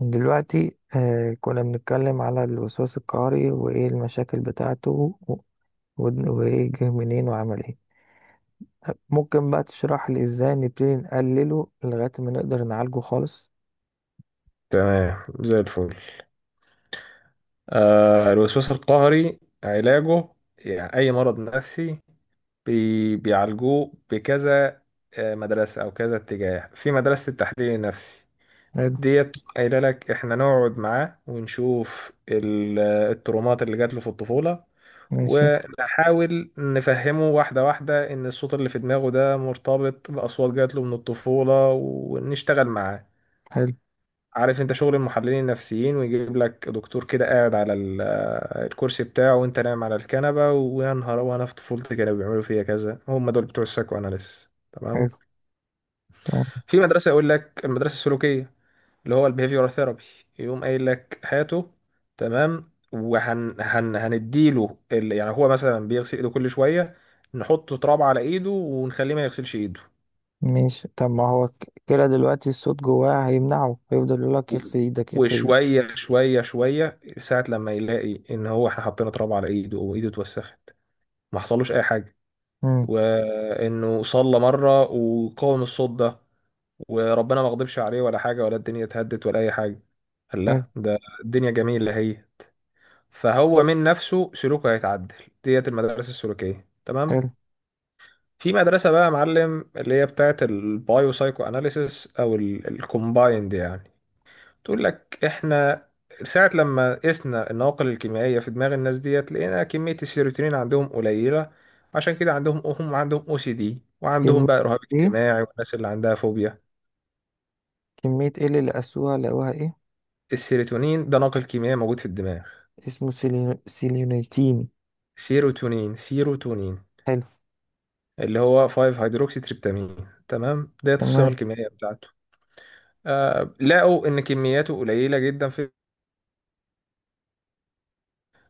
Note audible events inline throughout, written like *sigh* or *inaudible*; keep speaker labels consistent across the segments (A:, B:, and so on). A: دلوقتي كنا بنتكلم على الوسواس القهري وإيه المشاكل بتاعته وإيه جه منين وعمل إيه. ممكن بقى تشرح لي إزاي نبتدي نقلله لغاية ما نقدر نعالجه خالص؟
B: تمام، زي الفل. آه، الوسواس القهري علاجه، يعني أي مرض نفسي بيعالجوه بكذا مدرسة أو كذا اتجاه. في مدرسة التحليل النفسي
A: حلو.
B: ديت قايلة لك إحنا نقعد معاه ونشوف الترومات اللي جات له في الطفولة،
A: ماشي.
B: ونحاول نفهمه واحدة واحدة إن الصوت اللي في دماغه ده مرتبط بأصوات جات له من الطفولة، ونشتغل معاه.
A: حلو.
B: عارف انت شغل المحللين النفسيين، ويجيب لك دكتور كده قاعد على الكرسي بتاعه وانت نايم على الكنبة، ويا نهار وانا في طفولتي كانوا بيعملوا فيا كذا. هم دول بتوع السايكو اناليس، تمام.
A: حلو. آه.
B: في مدرسة يقول لك المدرسة السلوكية اللي هو البيهيفيورال ثيرابي، يقوم قايل لك هاته، تمام، وهن هن هنديله يعني هو مثلا بيغسل ايده كل شوية، نحط تراب على ايده ونخليه ما يغسلش ايده.
A: ماشي. طب ما هو كده دلوقتي الصوت جواه هيمنعه، هيفضل يقول لك يغسل إيدك يغسل إيدك.
B: وشوية شوية شوية ساعة لما يلاقي إن هو إحنا حطينا تراب على إيده وإيده اتوسخت، ما حصلوش أي حاجة.
A: مم.
B: وإنه صلى مرة وقاوم الصوت ده، وربنا ما غضبش عليه ولا حاجة، ولا الدنيا اتهدت ولا أي حاجة، قال
A: حلو.
B: لا، ده الدنيا جميلة هي. فهو من نفسه سلوكه هيتعدل. ديت المدارس السلوكية،
A: حلو.
B: تمام. في مدرسة بقى يا معلم اللي هي بتاعت البايو سايكو أناليسيس أو الكومبايند، يعني تقول لك احنا ساعة لما قسنا النواقل الكيميائية في دماغ الناس ديت، لقينا كمية السيروتونين عندهم قليلة، عشان كده عندهم، هم عندهم او سي دي،
A: كمية.
B: وعندهم بقى رهاب
A: إيه.
B: اجتماعي، والناس اللي عندها فوبيا.
A: كمية إيه اللي لقوها إيه؟
B: السيروتونين ده ناقل كيميائي موجود في الدماغ.
A: اسمه سيلينيتين.
B: سيروتونين
A: حلو.
B: اللي هو 5 هيدروكسي تريبتامين، تمام، ديت الصيغة
A: تمام.
B: الكيميائية بتاعته. آه، لقوا ان كمياته قليلة جدا في،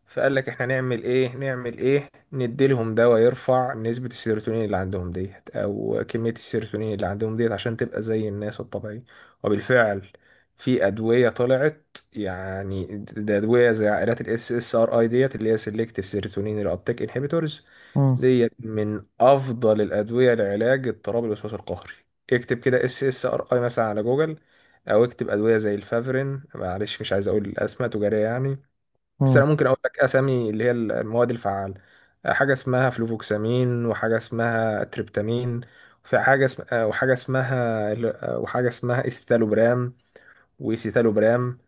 B: فقال لك احنا نعمل ايه، نديلهم دواء يرفع نسبة السيروتونين اللي عندهم ديت، او كمية السيروتونين اللي عندهم ديت، عشان تبقى زي الناس الطبيعي. وبالفعل في ادوية طلعت، يعني ده ادوية زي عائلات الاس اس ار اي ديت، اللي هي سيلكتيف سيروتونين الابتيك انهبيتورز.
A: مم.
B: ديت من افضل الادوية لعلاج اضطراب الوسواس القهري. اكتب كده اس اس ار اي مثلا على جوجل، او اكتب ادوية زي الفافرين، معلش مش عايز اقول الاسماء تجارية يعني. بس
A: مم.
B: انا ممكن اقول لك اسامي اللي هي المواد الفعاله. حاجه اسمها فلوفوكسامين، وحاجه اسمها تريبتامين، في حاجه اسم... آه، وحاجه اسمها، وحاجه اسمها استالوبرام، وسيتالوبرام.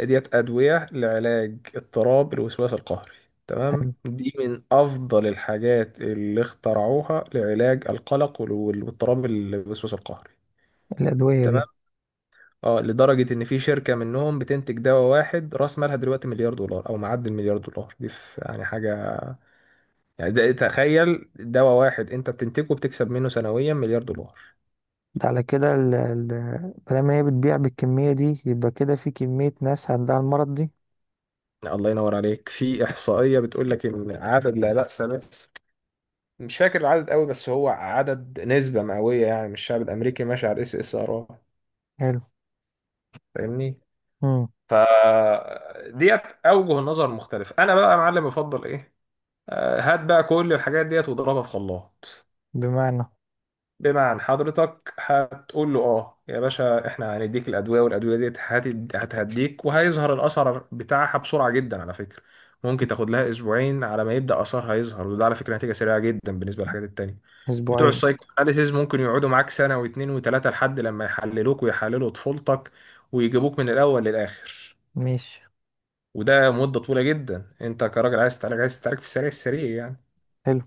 B: ديت ادويه لعلاج اضطراب الوسواس القهري، تمام. دي من افضل الحاجات اللي اخترعوها لعلاج القلق واضطراب الوسواس القهري،
A: الأدوية
B: تمام.
A: دي؟
B: اه، لدرجة ان في شركة منهم بتنتج دواء واحد، راس مالها دلوقتي مليار دولار او معدي المليار دولار، دي يعني حاجة، يعني ده تخيل دواء واحد انت بتنتجه بتكسب منه سنويا مليار دولار.
A: ده على كده مادام هي بتبيع بالكمية دي يبقى كده في كمية ناس عندها المرض دي.
B: الله ينور عليك، في احصائيه بتقول لك ان عدد لا باس به، مش فاكر العدد قوي، بس هو عدد نسبه مئويه يعني من الشعب الامريكي ماشي على الاس اس ار،
A: حلو.
B: فاهمني.
A: مم.
B: ف ديت اوجه النظر مختلف. انا بقى يا معلم بفضل ايه؟ هات بقى كل الحاجات ديت واضربها في خلاط.
A: بمعنى؟
B: بمعنى حضرتك هتقول له اه يا باشا، احنا هنديك الادويه، والادويه دي هتهديك، وهيظهر الاثر بتاعها بسرعه جدا على فكره، ممكن تاخد لها اسبوعين على ما يبدا اثرها يظهر، وده على فكره نتيجه سريعه جدا بالنسبه للحاجات التانيه. بتوع
A: أسبوعين؟
B: السايكو اناليسيز ممكن يقعدوا معاك سنه واتنين وتلاته لحد لما يحللوك ويحللوا طفولتك ويجيبوك من الاول للاخر،
A: ماشي.
B: وده مده طويله جدا. انت كراجل عايز تعالج، عايز تعالج في السريع السريع يعني.
A: حلو.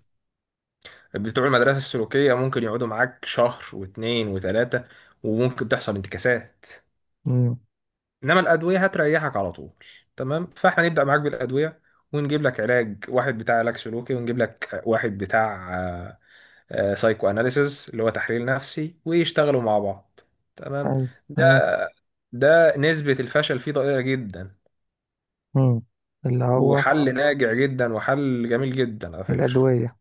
B: بتوع المدرسة السلوكية ممكن يقعدوا معاك شهر واتنين وتلاتة، وممكن تحصل انتكاسات.
A: مم.
B: إنما الأدوية هتريحك على طول. تمام، فإحنا نبدأ معاك بالأدوية، ونجيب لك علاج واحد بتاع علاج سلوكي، ونجيب لك واحد بتاع سايكو أناليسيس اللي هو تحليل نفسي، ويشتغلوا مع بعض، تمام.
A: حلو.
B: ده
A: تمام.
B: ده نسبة الفشل فيه ضئيلة جدا،
A: مم. اللي هو.
B: وحل ناجع جدا، وحل جميل جدا على فكرة.
A: الأدوية.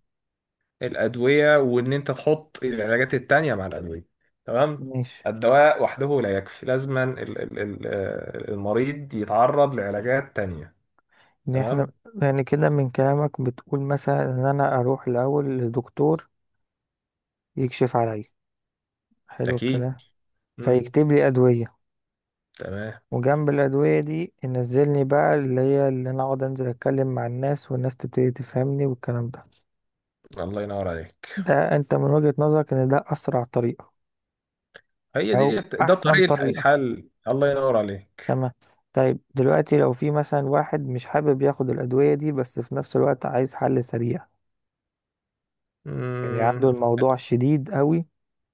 B: الأدوية، وإن أنت تحط العلاجات التانية مع الأدوية، تمام.
A: ماشي.
B: الدواء وحده لا يكفي، لازما المريض يتعرض لعلاجات تانية،
A: يعني احنا.
B: تمام.
A: يعني كده من كلامك بتقول مثلا إن أنا أروح الأول لدكتور يكشف عليا. حلو
B: أكيد.
A: الكلام.
B: مم.
A: فيكتب لي أدوية،
B: تمام.
A: وجنب الأدوية دي ينزلني بقى اللي هي اللي أنا أقعد أنزل أتكلم مع الناس والناس تبتدي تفهمني والكلام ده.
B: الله ينور عليك،
A: ده أنت من وجهة نظرك إن ده أسرع طريقة،
B: هي
A: أو
B: دي، ده
A: أحسن
B: طريق
A: طريقة.
B: الحل، الله ينور عليك.
A: تمام. طيب دلوقتي لو في مثلا واحد مش حابب ياخد الأدوية دي بس في نفس الوقت عايز حل سريع، يعني عنده
B: مم.
A: الموضوع شديد قوي،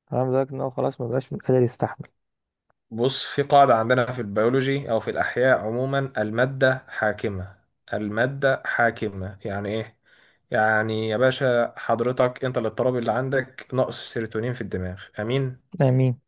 A: تمام، لدرجة إن هو خلاص مبقاش قادر يستحمل.
B: بص، في قاعدة عندنا في البيولوجي أو في الأحياء عموما: المادة حاكمة. المادة حاكمة يعني إيه؟ يعني يا باشا حضرتك أنت الاضطراب اللي عندك نقص السيروتونين في الدماغ، أمين؟
A: آمين.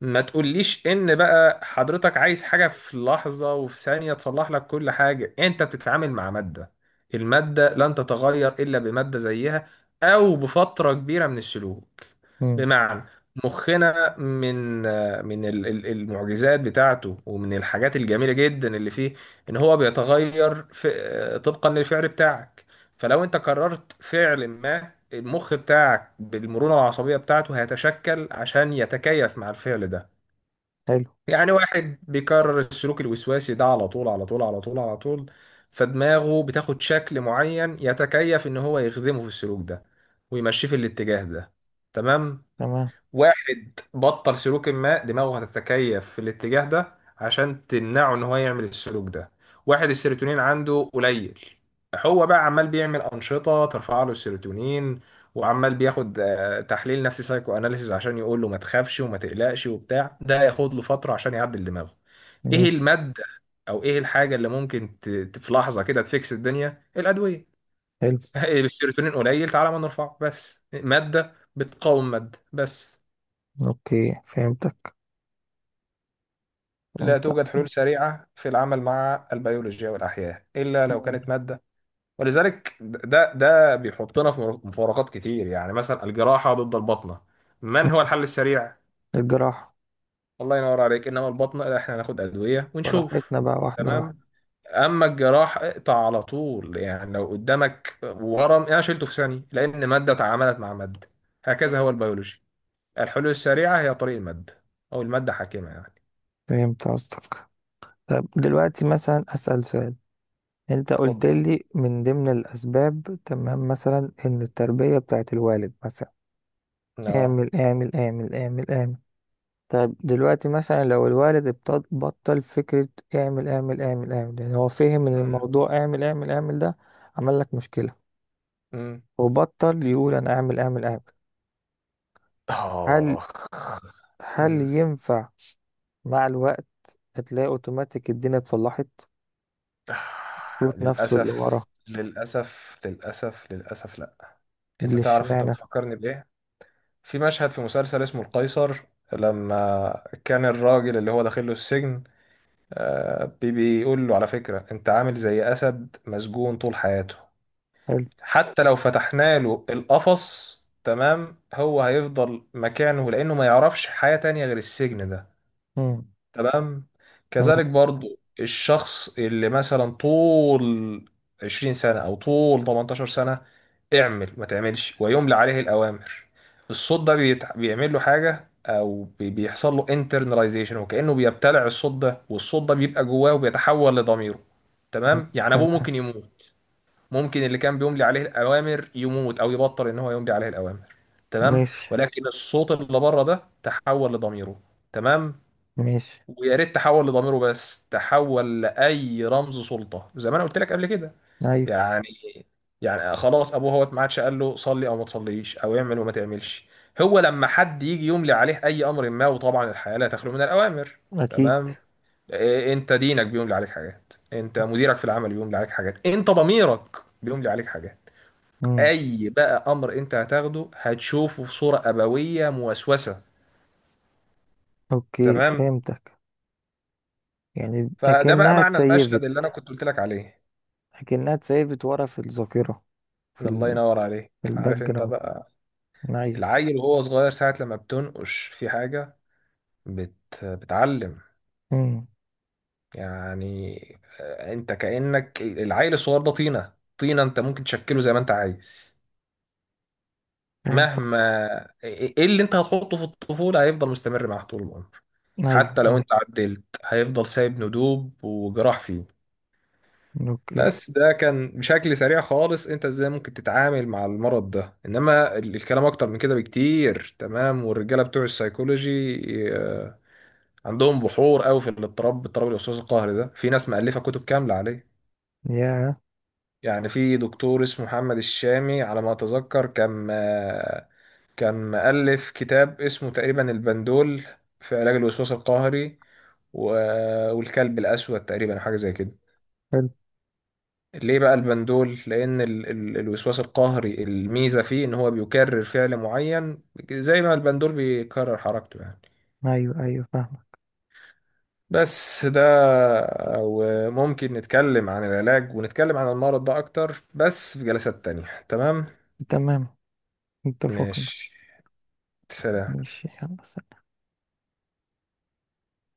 B: ما تقوليش ان بقى حضرتك عايز حاجة في لحظة وفي ثانية تصلح لك كل حاجة. انت بتتعامل مع مادة، المادة لن تتغير الا بمادة زيها، او بفترة كبيرة من السلوك.
A: مم.
B: بمعنى، مخنا من المعجزات بتاعته ومن الحاجات الجميلة جدا اللي فيه، ان هو بيتغير في طبقا للفعل بتاعك. فلو انت قررت فعل ما، المخ بتاعك بالمرونة العصبية بتاعته هيتشكل عشان يتكيف مع الفعل ده.
A: حلو.
B: يعني واحد بيكرر السلوك الوسواسي ده على طول على طول على طول على طول، فدماغه بتاخد شكل معين يتكيف ان هو يخدمه في السلوك ده، ويمشيه في الاتجاه ده، تمام.
A: تمام.
B: واحد بطل سلوك ما، دماغه هتتكيف في الاتجاه ده عشان تمنعه ان هو يعمل السلوك ده. واحد السيروتونين عنده قليل، هو بقى عمال بيعمل أنشطة ترفع له السيروتونين، وعمال بياخد تحليل نفسي سايكو اناليسيز عشان يقول له ما تخافش وما تقلقش وبتاع، ده هياخد له فترة عشان يعدل دماغه. ايه
A: ماشي.
B: المادة او ايه الحاجة اللي ممكن في لحظة كده تفكس الدنيا؟ الأدوية.
A: حلو.
B: *laughs* السيروتونين قليل، تعالى ما نرفعه، بس مادة بتقاوم مادة، بس.
A: أوكي فهمتك.
B: لا
A: فهمت
B: توجد
A: أصلا.
B: حلول سريعة في العمل مع البيولوجيا والأحياء إلا لو
A: مم.
B: كانت مادة. ولذلك ده بيحطنا في مفارقات كتير. يعني مثلا الجراحة ضد البطنة، من هو الحل السريع؟
A: الجراحة.
B: الله ينور عليك. إنما البطنة لا، إحنا هناخد أدوية ونشوف.
A: براحتنا بقى واحدة واحدة.
B: تمام، أما الجراحة اقطع على طول، يعني لو قدامك ورم، يعني أنا شلته في ثانية لأن مادة تعاملت مع مادة. هكذا هو
A: مم.
B: البيولوجي. الحلول السريعة هي طريق المادة، أو المادة حاكمة يعني.
A: فهمت قصدك. طب دلوقتي مثلا أسأل سؤال. أنت قلت
B: اتفضل.
A: لي من ضمن الأسباب، تمام، مثلا إن التربية بتاعت الوالد مثلا
B: اه.
A: اعمل اعمل اعمل اعمل اعمل. طب دلوقتي مثلا لو الوالد بطل فكرة اعمل اعمل اعمل اعمل، يعني هو فهم إن
B: مم.
A: الموضوع اعمل اعمل اعمل ده عمل لك مشكلة،
B: مم.
A: وبطل يقول أنا اعمل اعمل اعمل. هل
B: آه.
A: هل
B: مم.
A: ينفع مع الوقت، هتلاقي أوتوماتيك الدنيا اتصلحت،
B: آه،
A: صوت نفسه اللي ورا؟
B: للأسف. للأسف للأسف للأسف لأ. أنت
A: اللي
B: تعرف أنت
A: اشمعنى.
B: بتفكرني بإيه؟ في مشهد في مسلسل اسمه القيصر، لما كان الراجل اللي هو داخل له السجن، بيقول له على فكرة: أنت عامل زي أسد مسجون طول حياته،
A: حلو.
B: حتى لو فتحنا له القفص، تمام، هو هيفضل مكانه لأنه ما يعرفش حياة تانية غير السجن ده،
A: مم.
B: تمام.
A: تمام.
B: كذلك برضو الشخص اللي مثلا طول 20 سنة أو طول 18 سنة اعمل ما تعملش ويملى عليه الأوامر، الصوت ده بيعمل له حاجة، أو بيحصل له internalization، وكأنه بيبتلع الصوت ده، والصوت ده بيبقى جواه وبيتحول لضميره، تمام. يعني أبوه
A: تمام.
B: ممكن يموت، ممكن اللي كان بيملي عليه الأوامر يموت، أو يبطل إن هو يملي عليه الأوامر، تمام،
A: ماشي.
B: ولكن الصوت اللي بره ده تحول لضميره، تمام.
A: ماشي.
B: ويا ريت تحول لضميره بس، تحول لاي رمز سلطه زي ما انا قلت لك قبل كده.
A: ايوه.
B: يعني، يعني خلاص، ابوه هو ما عادش قال له صلي او ما تصليش او اعمل وما تعملش، هو لما حد يجي يملي عليه اي امر ما، وطبعا الحياه لا تخلو من الاوامر،
A: اكيد.
B: تمام. إيه، انت دينك بيملي عليك حاجات، انت مديرك في العمل بيملي عليك حاجات، انت ضميرك بيملي عليك حاجات.
A: مم.
B: اي بقى امر انت هتاخده هتشوفه في صوره ابويه موسوسه.
A: اوكي
B: تمام.
A: فهمتك. يعني
B: فده بقى
A: اكنها
B: معنى المشهد اللي انا
A: اتسيفت.
B: كنت قلت لك عليه.
A: اكنها اتسيفت ورا في الذاكره، في
B: الله
A: ال...
B: ينور عليك.
A: في الباك
B: عارف انت
A: جراوند.
B: بقى،
A: ايوه.
B: العيل وهو صغير ساعة لما بتنقش في حاجة، بت... بتعلم،
A: مم.
B: يعني آه، انت كأنك العيل الصغير ده طينة، طينة، انت ممكن تشكله زي ما انت عايز.
A: فهمت.
B: مهما ايه إيه، إيه اللي انت هتحطه في الطفولة هيفضل مستمر معاك طول العمر،
A: ايوه
B: حتى لو
A: ايوه.
B: انت عدلت هيفضل سايب ندوب وجراح فيه.
A: اوكي.
B: بس ده كان بشكل سريع خالص، انت ازاي ممكن تتعامل مع المرض ده. انما الكلام اكتر من كده بكتير، تمام، والرجاله بتوع السيكولوجي آه، عندهم بحور قوي في الاضطراب، اضطراب الوسواس القهري ده، في ناس مؤلفه كتب كامله عليه.
A: يا
B: يعني في دكتور اسمه محمد الشامي على ما اتذكر، كان كان مؤلف كتاب اسمه تقريبا البندول في علاج الوسواس القهري، والكلب الاسود، تقريبا حاجه زي كده.
A: حلو.
B: ليه بقى البندول؟ لأن ال ال الوسواس القهري الميزة فيه إن هو بيكرر فعل معين، زي ما البندول بيكرر حركته يعني.
A: ايوه ايوه فاهمك.
B: بس ده، وممكن نتكلم عن العلاج ونتكلم عن المرض ده أكتر بس في جلسات تانية، تمام؟
A: تمام. اتفقنا.
B: ماشي، سلام.
A: ماشي، يلا سلام.